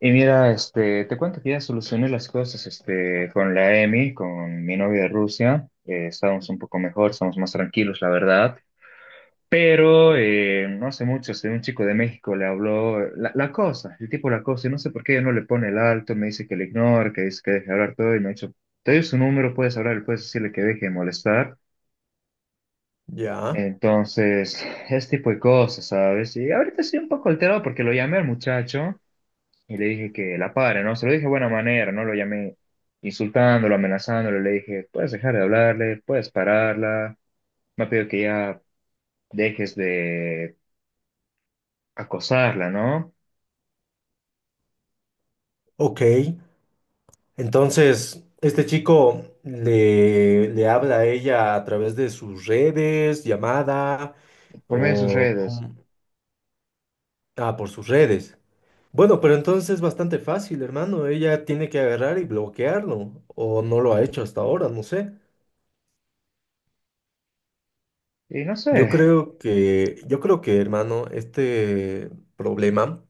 Y mira, te cuento que ya solucioné las cosas, con la Emi, con mi novia de Rusia. Estábamos un poco mejor, estamos más tranquilos, la verdad. Pero no hace mucho, un chico de México le habló, la cosa, el tipo la cosa, y no sé por qué ella no le pone el alto, me dice que le ignore, que dice que deje de hablar todo, y me ha dicho, te doy su número, puedes hablar, puedes decirle que deje de molestar. Ya, Entonces, ese tipo de cosas, ¿sabes? Y ahorita estoy un poco alterado porque lo llamé al muchacho y le dije que la pare, ¿no? Se lo dije de buena manera, ¿no? Lo llamé insultándolo, amenazándolo, le dije, puedes dejar de hablarle, puedes pararla, me ha pedido que ya dejes de acosarla, ¿no? ok. Entonces, este chico le, le habla a ella a través de sus redes, llamada Por medio de sus o... redes. cómo... Ah, por sus redes. Bueno, pero entonces es bastante fácil, hermano. Ella tiene que agarrar y bloquearlo. O no lo ha hecho hasta ahora, no sé. Y no Yo sé, creo que, yo creo que, hermano, este problema,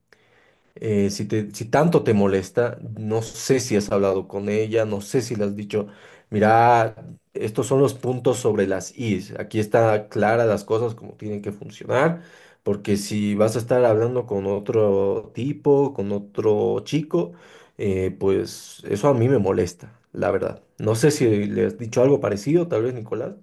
Si tanto te molesta, no sé si has hablado con ella, no sé si le has dicho, mira, estos son los puntos sobre las is, aquí está clara las cosas como tienen que funcionar, porque si vas a estar hablando con otro tipo, con otro chico, pues eso a mí me molesta, la verdad. No sé si le has dicho algo parecido, tal vez, Nicolás.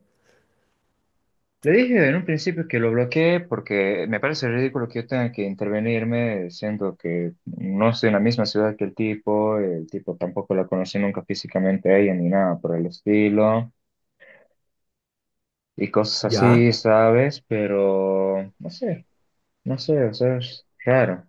le dije en un principio que lo bloqueé porque me parece ridículo que yo tenga que intervenirme, siendo que no estoy en la misma ciudad que el tipo tampoco la conocí nunca físicamente a ella ni nada por el estilo y cosas Ya. así, ¿sabes? Pero no sé. No sé, o sea, es raro.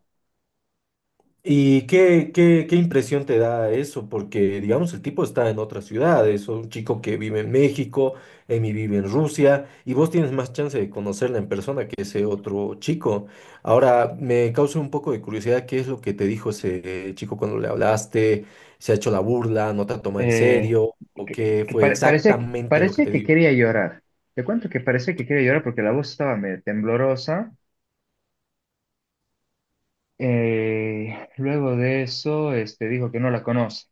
¿Y qué, qué impresión te da eso? Porque, digamos, el tipo está en otras ciudades, o un chico que vive en México, Emi vive en Rusia, y vos tienes más chance de conocerla en persona que ese otro chico. Ahora, me causa un poco de curiosidad, ¿qué es lo que te dijo ese chico cuando le hablaste? ¿Se ha hecho la burla? ¿No te toma en Eh, serio? ¿O qué fue Parecía, exactamente lo que parecía te que dijo? quería llorar. Te cuento que parecía que quería llorar porque la voz estaba medio temblorosa. Luego de eso, dijo que no la conoce.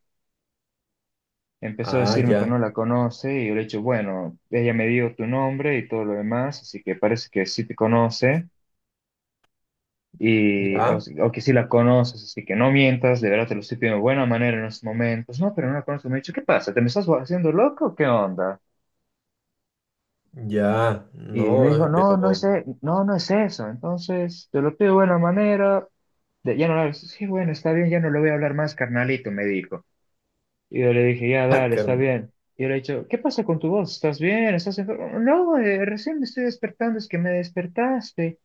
Empezó a Ah, decirme que ya, no la conoce y yo le he dicho, bueno, ella me dio tu nombre y todo lo demás, así que parece que sí te conoce y, o, ya, si- o que sí la conoces, así que no mientas, de verdad te lo estoy pidiendo de buena manera en estos momentos. No, pero no la conozco. Me ha dicho, ¿qué pasa? ¿Te me estás haciendo loco? ¿Qué onda? ya, Y me no, dijo, no, pero... no es, no, no es eso. Entonces, te lo pido de buena manera. De- ya no, lo- Sí, bueno, está bien, ya no lo voy a hablar más, carnalito, me dijo. Y yo le dije, ya, Ah, dale, está carne. bien. Y yo le he dicho, ¿qué pasa con tu voz? ¿Estás bien? ¿Estás enfermo? No, recién me estoy despertando, es que me despertaste.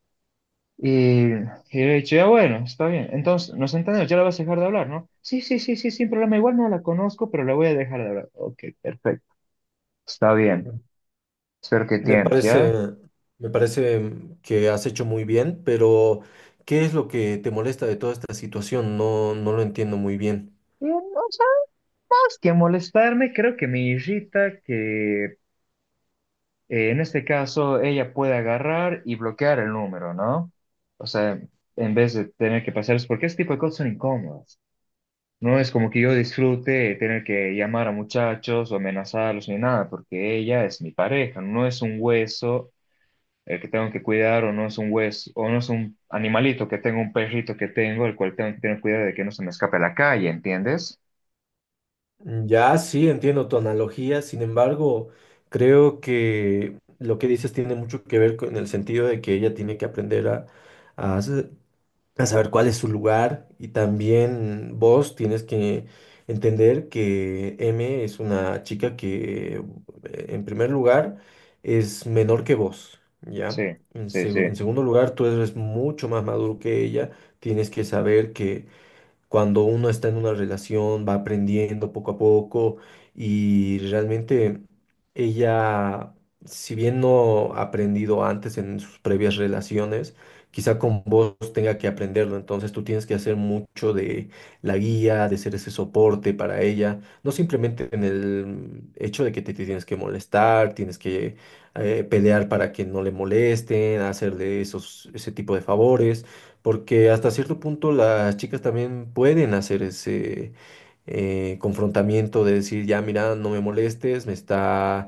Y, yo le he dicho, ya, bueno, está bien. Entonces, nos entendemos, ya la vas a dejar de hablar, ¿no? Sí, sí, sí, sí, sin problema. Igual no la conozco, pero la voy a dejar de hablar. Ok, perfecto. Está bien. Espero que Me entiendas, parece, ¿ya? me parece que has hecho muy bien, pero ¿qué es lo que te molesta de toda esta situación? No, no lo entiendo muy bien. Y no más que molestarme, creo que me irrita que en este caso ella puede agarrar y bloquear el número, ¿no? O sea, en vez de tener que pasar, es porque este tipo de cosas son incómodas. No es como que yo disfrute tener que llamar a muchachos o amenazarlos ni nada, porque ella es mi pareja, no es un hueso el que tengo que cuidar o no es un hueso o no es un animalito que tengo, un perrito que tengo, el cual tengo que tener cuidado de que no se me escape a la calle, ¿entiendes? Mm, ya sí, entiendo tu analogía, sin embargo, creo que lo que dices tiene mucho que ver con el sentido de que ella tiene que aprender a, a hacer- a saber cuál es su lugar, y también vos tienes que entender que M es una chica que en primer lugar es menor que vos, Sí, ¿ya? En, sí, en sí, segundo lugar, tú eres mucho más maduro que ella, tienes que saber que cuando uno está en una relación, va aprendiendo poco a poco, y realmente ella, si bien no ha aprendido antes en sus previas relaciones, quizá con vos tenga que aprenderlo. Entonces tú tienes que hacer mucho de la guía, de ser ese soporte para ella, no simplemente en el hecho de que te tienes que molestar, tienes que pelear para que no le molesten, hacerle ese tipo de favores, porque hasta cierto punto las chicas también pueden hacer ese confrontamiento de decir, ya mira, no me molestes, me está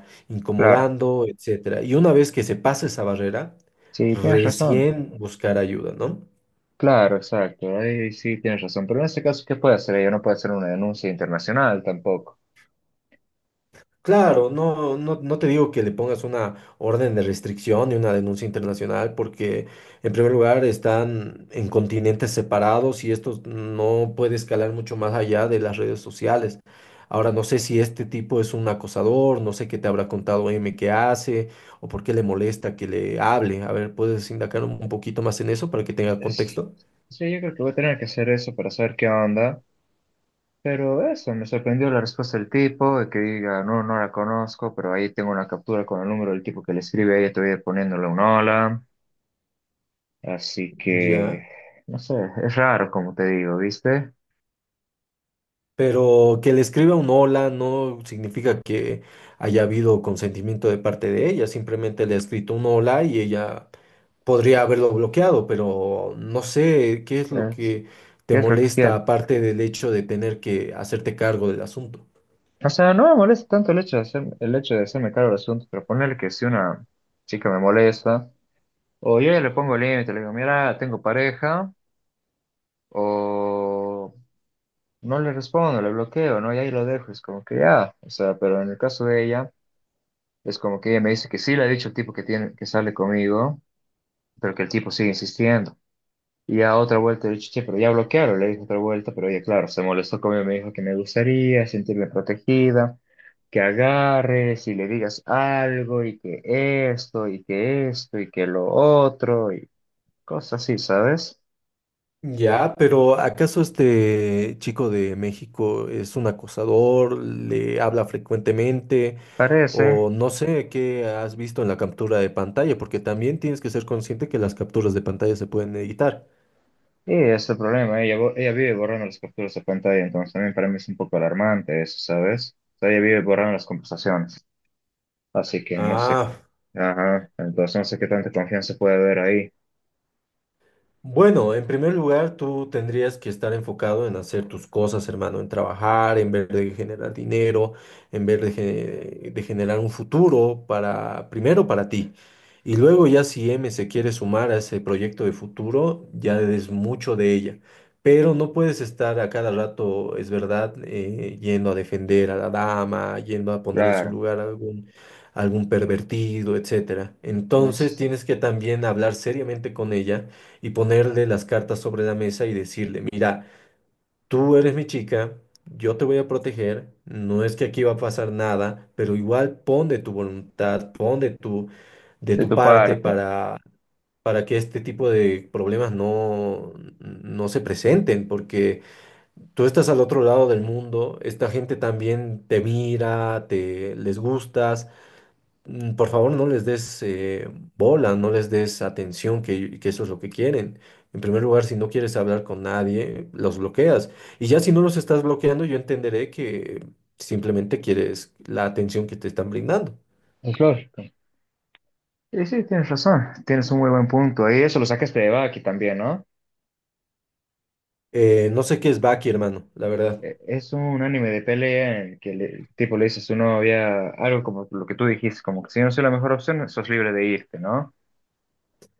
claro. incomodando, etcétera. Y una vez que se pasa esa barrera, Sí, tienes razón. recién buscar ayuda, ¿no? Claro, exacto. Ahí sí tienes razón. Pero en este caso, ¿qué puede hacer? Ella no puede hacer una denuncia internacional tampoco. Claro, no, no, no te digo que le pongas una orden de restricción y una denuncia internacional, porque en primer lugar están en continentes separados y esto no puede escalar mucho más allá de las redes sociales. Ahora no sé si este tipo es un acosador, no sé qué te habrá contado M que hace o por qué le molesta que le hable. A ver, ¿puedes indagar un poquito más en eso para que tenga Es- contexto? sí, yo creo que voy a tener que hacer eso para saber qué onda. Pero eso, me sorprendió la respuesta del tipo, de que diga, no, no la conozco, pero ahí tengo una captura con el número del tipo que le escribe, ella todavía poniéndole un hola. Así Ya. que, no sé, es raro como te digo, ¿viste? Pero que le escriba un hola no significa que haya habido consentimiento de parte de ella, simplemente le ha escrito un hola y ella podría haberlo bloqueado, pero no sé qué es lo Es, que ¿qué te es lo que molesta quiere? aparte del hecho de tener que hacerte cargo del asunto. O sea, no me molesta tanto el hecho de hacer, el hecho de hacerme cargo del asunto, pero ponerle que si una chica me molesta. O yo ya le pongo límite, le digo, mira, tengo pareja, o no le respondo, le bloqueo, ¿no? Y ahí lo dejo, es como que ya, o sea, pero en el caso de ella, es como que ella me dice que sí le ha dicho el tipo que tiene, que sale conmigo, pero que el tipo sigue insistiendo. Y ya otra vuelta le he dicho, che, pero ya bloquearon, le dije otra vuelta, pero ella, claro, se molestó conmigo, me dijo que me gustaría sentirme protegida, que agarres y le digas algo, y que esto, y que esto, y que lo otro, y cosas así, ¿sabes? Ya, pero ¿acaso este chico de México es un acosador? ¿Le habla frecuentemente? Parece. O no sé qué has visto en la captura de pantalla, porque también tienes que ser consciente que las capturas de pantalla se pueden editar. Sí, es el problema. Ella vive borrando las capturas de pantalla, entonces también para mí es un poco alarmante eso, ¿sabes? O sea, ella vive borrando las conversaciones. Así que no sé, Ah. ajá, entonces no sé qué tanta confianza puede haber ahí. Bueno, en primer lugar, tú tendrías que estar enfocado en hacer tus cosas, hermano, en trabajar, en ver de generar dinero, en ver de generar un futuro para, primero para ti. Y luego ya si M se quiere sumar a ese proyecto de futuro, ya es mucho de ella. Pero no puedes estar a cada rato, es verdad, yendo a defender a la dama, yendo a poner en su Claro, lugar a algún pervertido, etcétera. Entonces es tienes que también hablar seriamente con ella y ponerle las cartas sobre la mesa y decirle, mira, tú eres mi chica, yo te voy a proteger, no es que aquí va a pasar nada, pero igual pon de tu voluntad, pon de de de tu tu parte parte. Para que este tipo de problemas no, no se presenten, porque tú estás al otro lado del mundo, esta gente también te mira, te les gustas. Mm, por favor, no les des bola, no les des atención, que eso es lo que quieren. En primer lugar, si no quieres hablar con nadie, los bloqueas. Y ya si no los estás bloqueando, yo entenderé que simplemente quieres la atención que te están brindando. Es lógico. Y sí, tienes razón, tienes un muy buen punto. Y eso lo sacaste de Baki también, ¿no? No sé qué es Baki, hermano, la verdad. Es un anime de pelea en el que el tipo le dice a su novia algo como lo que tú dijiste, como que si no soy la mejor opción, sos libre de irte, ¿no?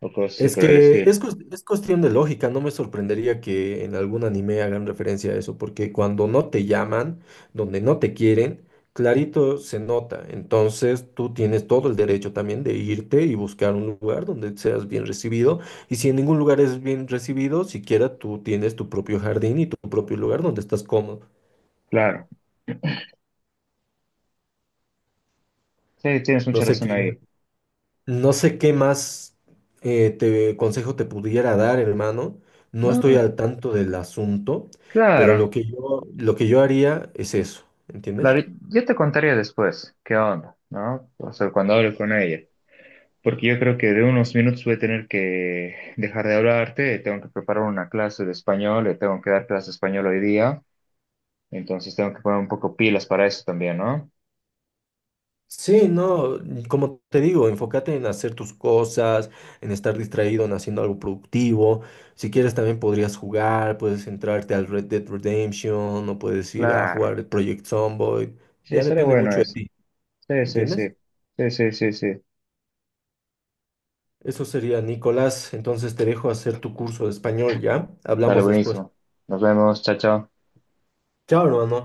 O cosas así Es por el que estilo. es, es cuestión de lógica, no me sorprendería que en algún anime hagan referencia a eso, porque cuando no te llaman, donde no te quieren, clarito se nota. Entonces tú tienes todo el derecho también de irte y buscar un lugar donde seas bien recibido. Y si en ningún lugar es bien recibido, siquiera tú tienes tu propio jardín y tu propio lugar donde estás cómodo. Claro. Sí, tienes No mucha sé razón qué ahí. No sé qué más, consejo te pudiera dar, hermano. No estoy No, al tanto del asunto, pero claro, lo que yo haría es eso, ¿entiendes? claro. Yo te contaría después qué onda, ¿no? O sea, cuando hable con ella. Porque yo creo que de unos minutos voy a tener que dejar de hablarte, tengo que preparar una clase de español, le tengo que dar clase de español hoy día, entonces tengo que poner un poco pilas para eso también, ¿no? Sí, no, como te digo, enfócate en hacer tus cosas, en estar distraído, en haciendo algo productivo. Si quieres también podrías jugar, puedes entrarte al Red Dead Redemption o puedes ir a Claro. jugar el Project Zomboid. Sí, Ya sale depende bueno mucho de eso. ti, Sí, sí, sí. ¿entiendes? Sí, sí, sí, sí. Eso sería, Nicolás. Entonces te dejo hacer tu curso de español, ¿ya? Dale, Hablamos después. buenísimo. Nos vemos, chao, chao. Chao, hermano.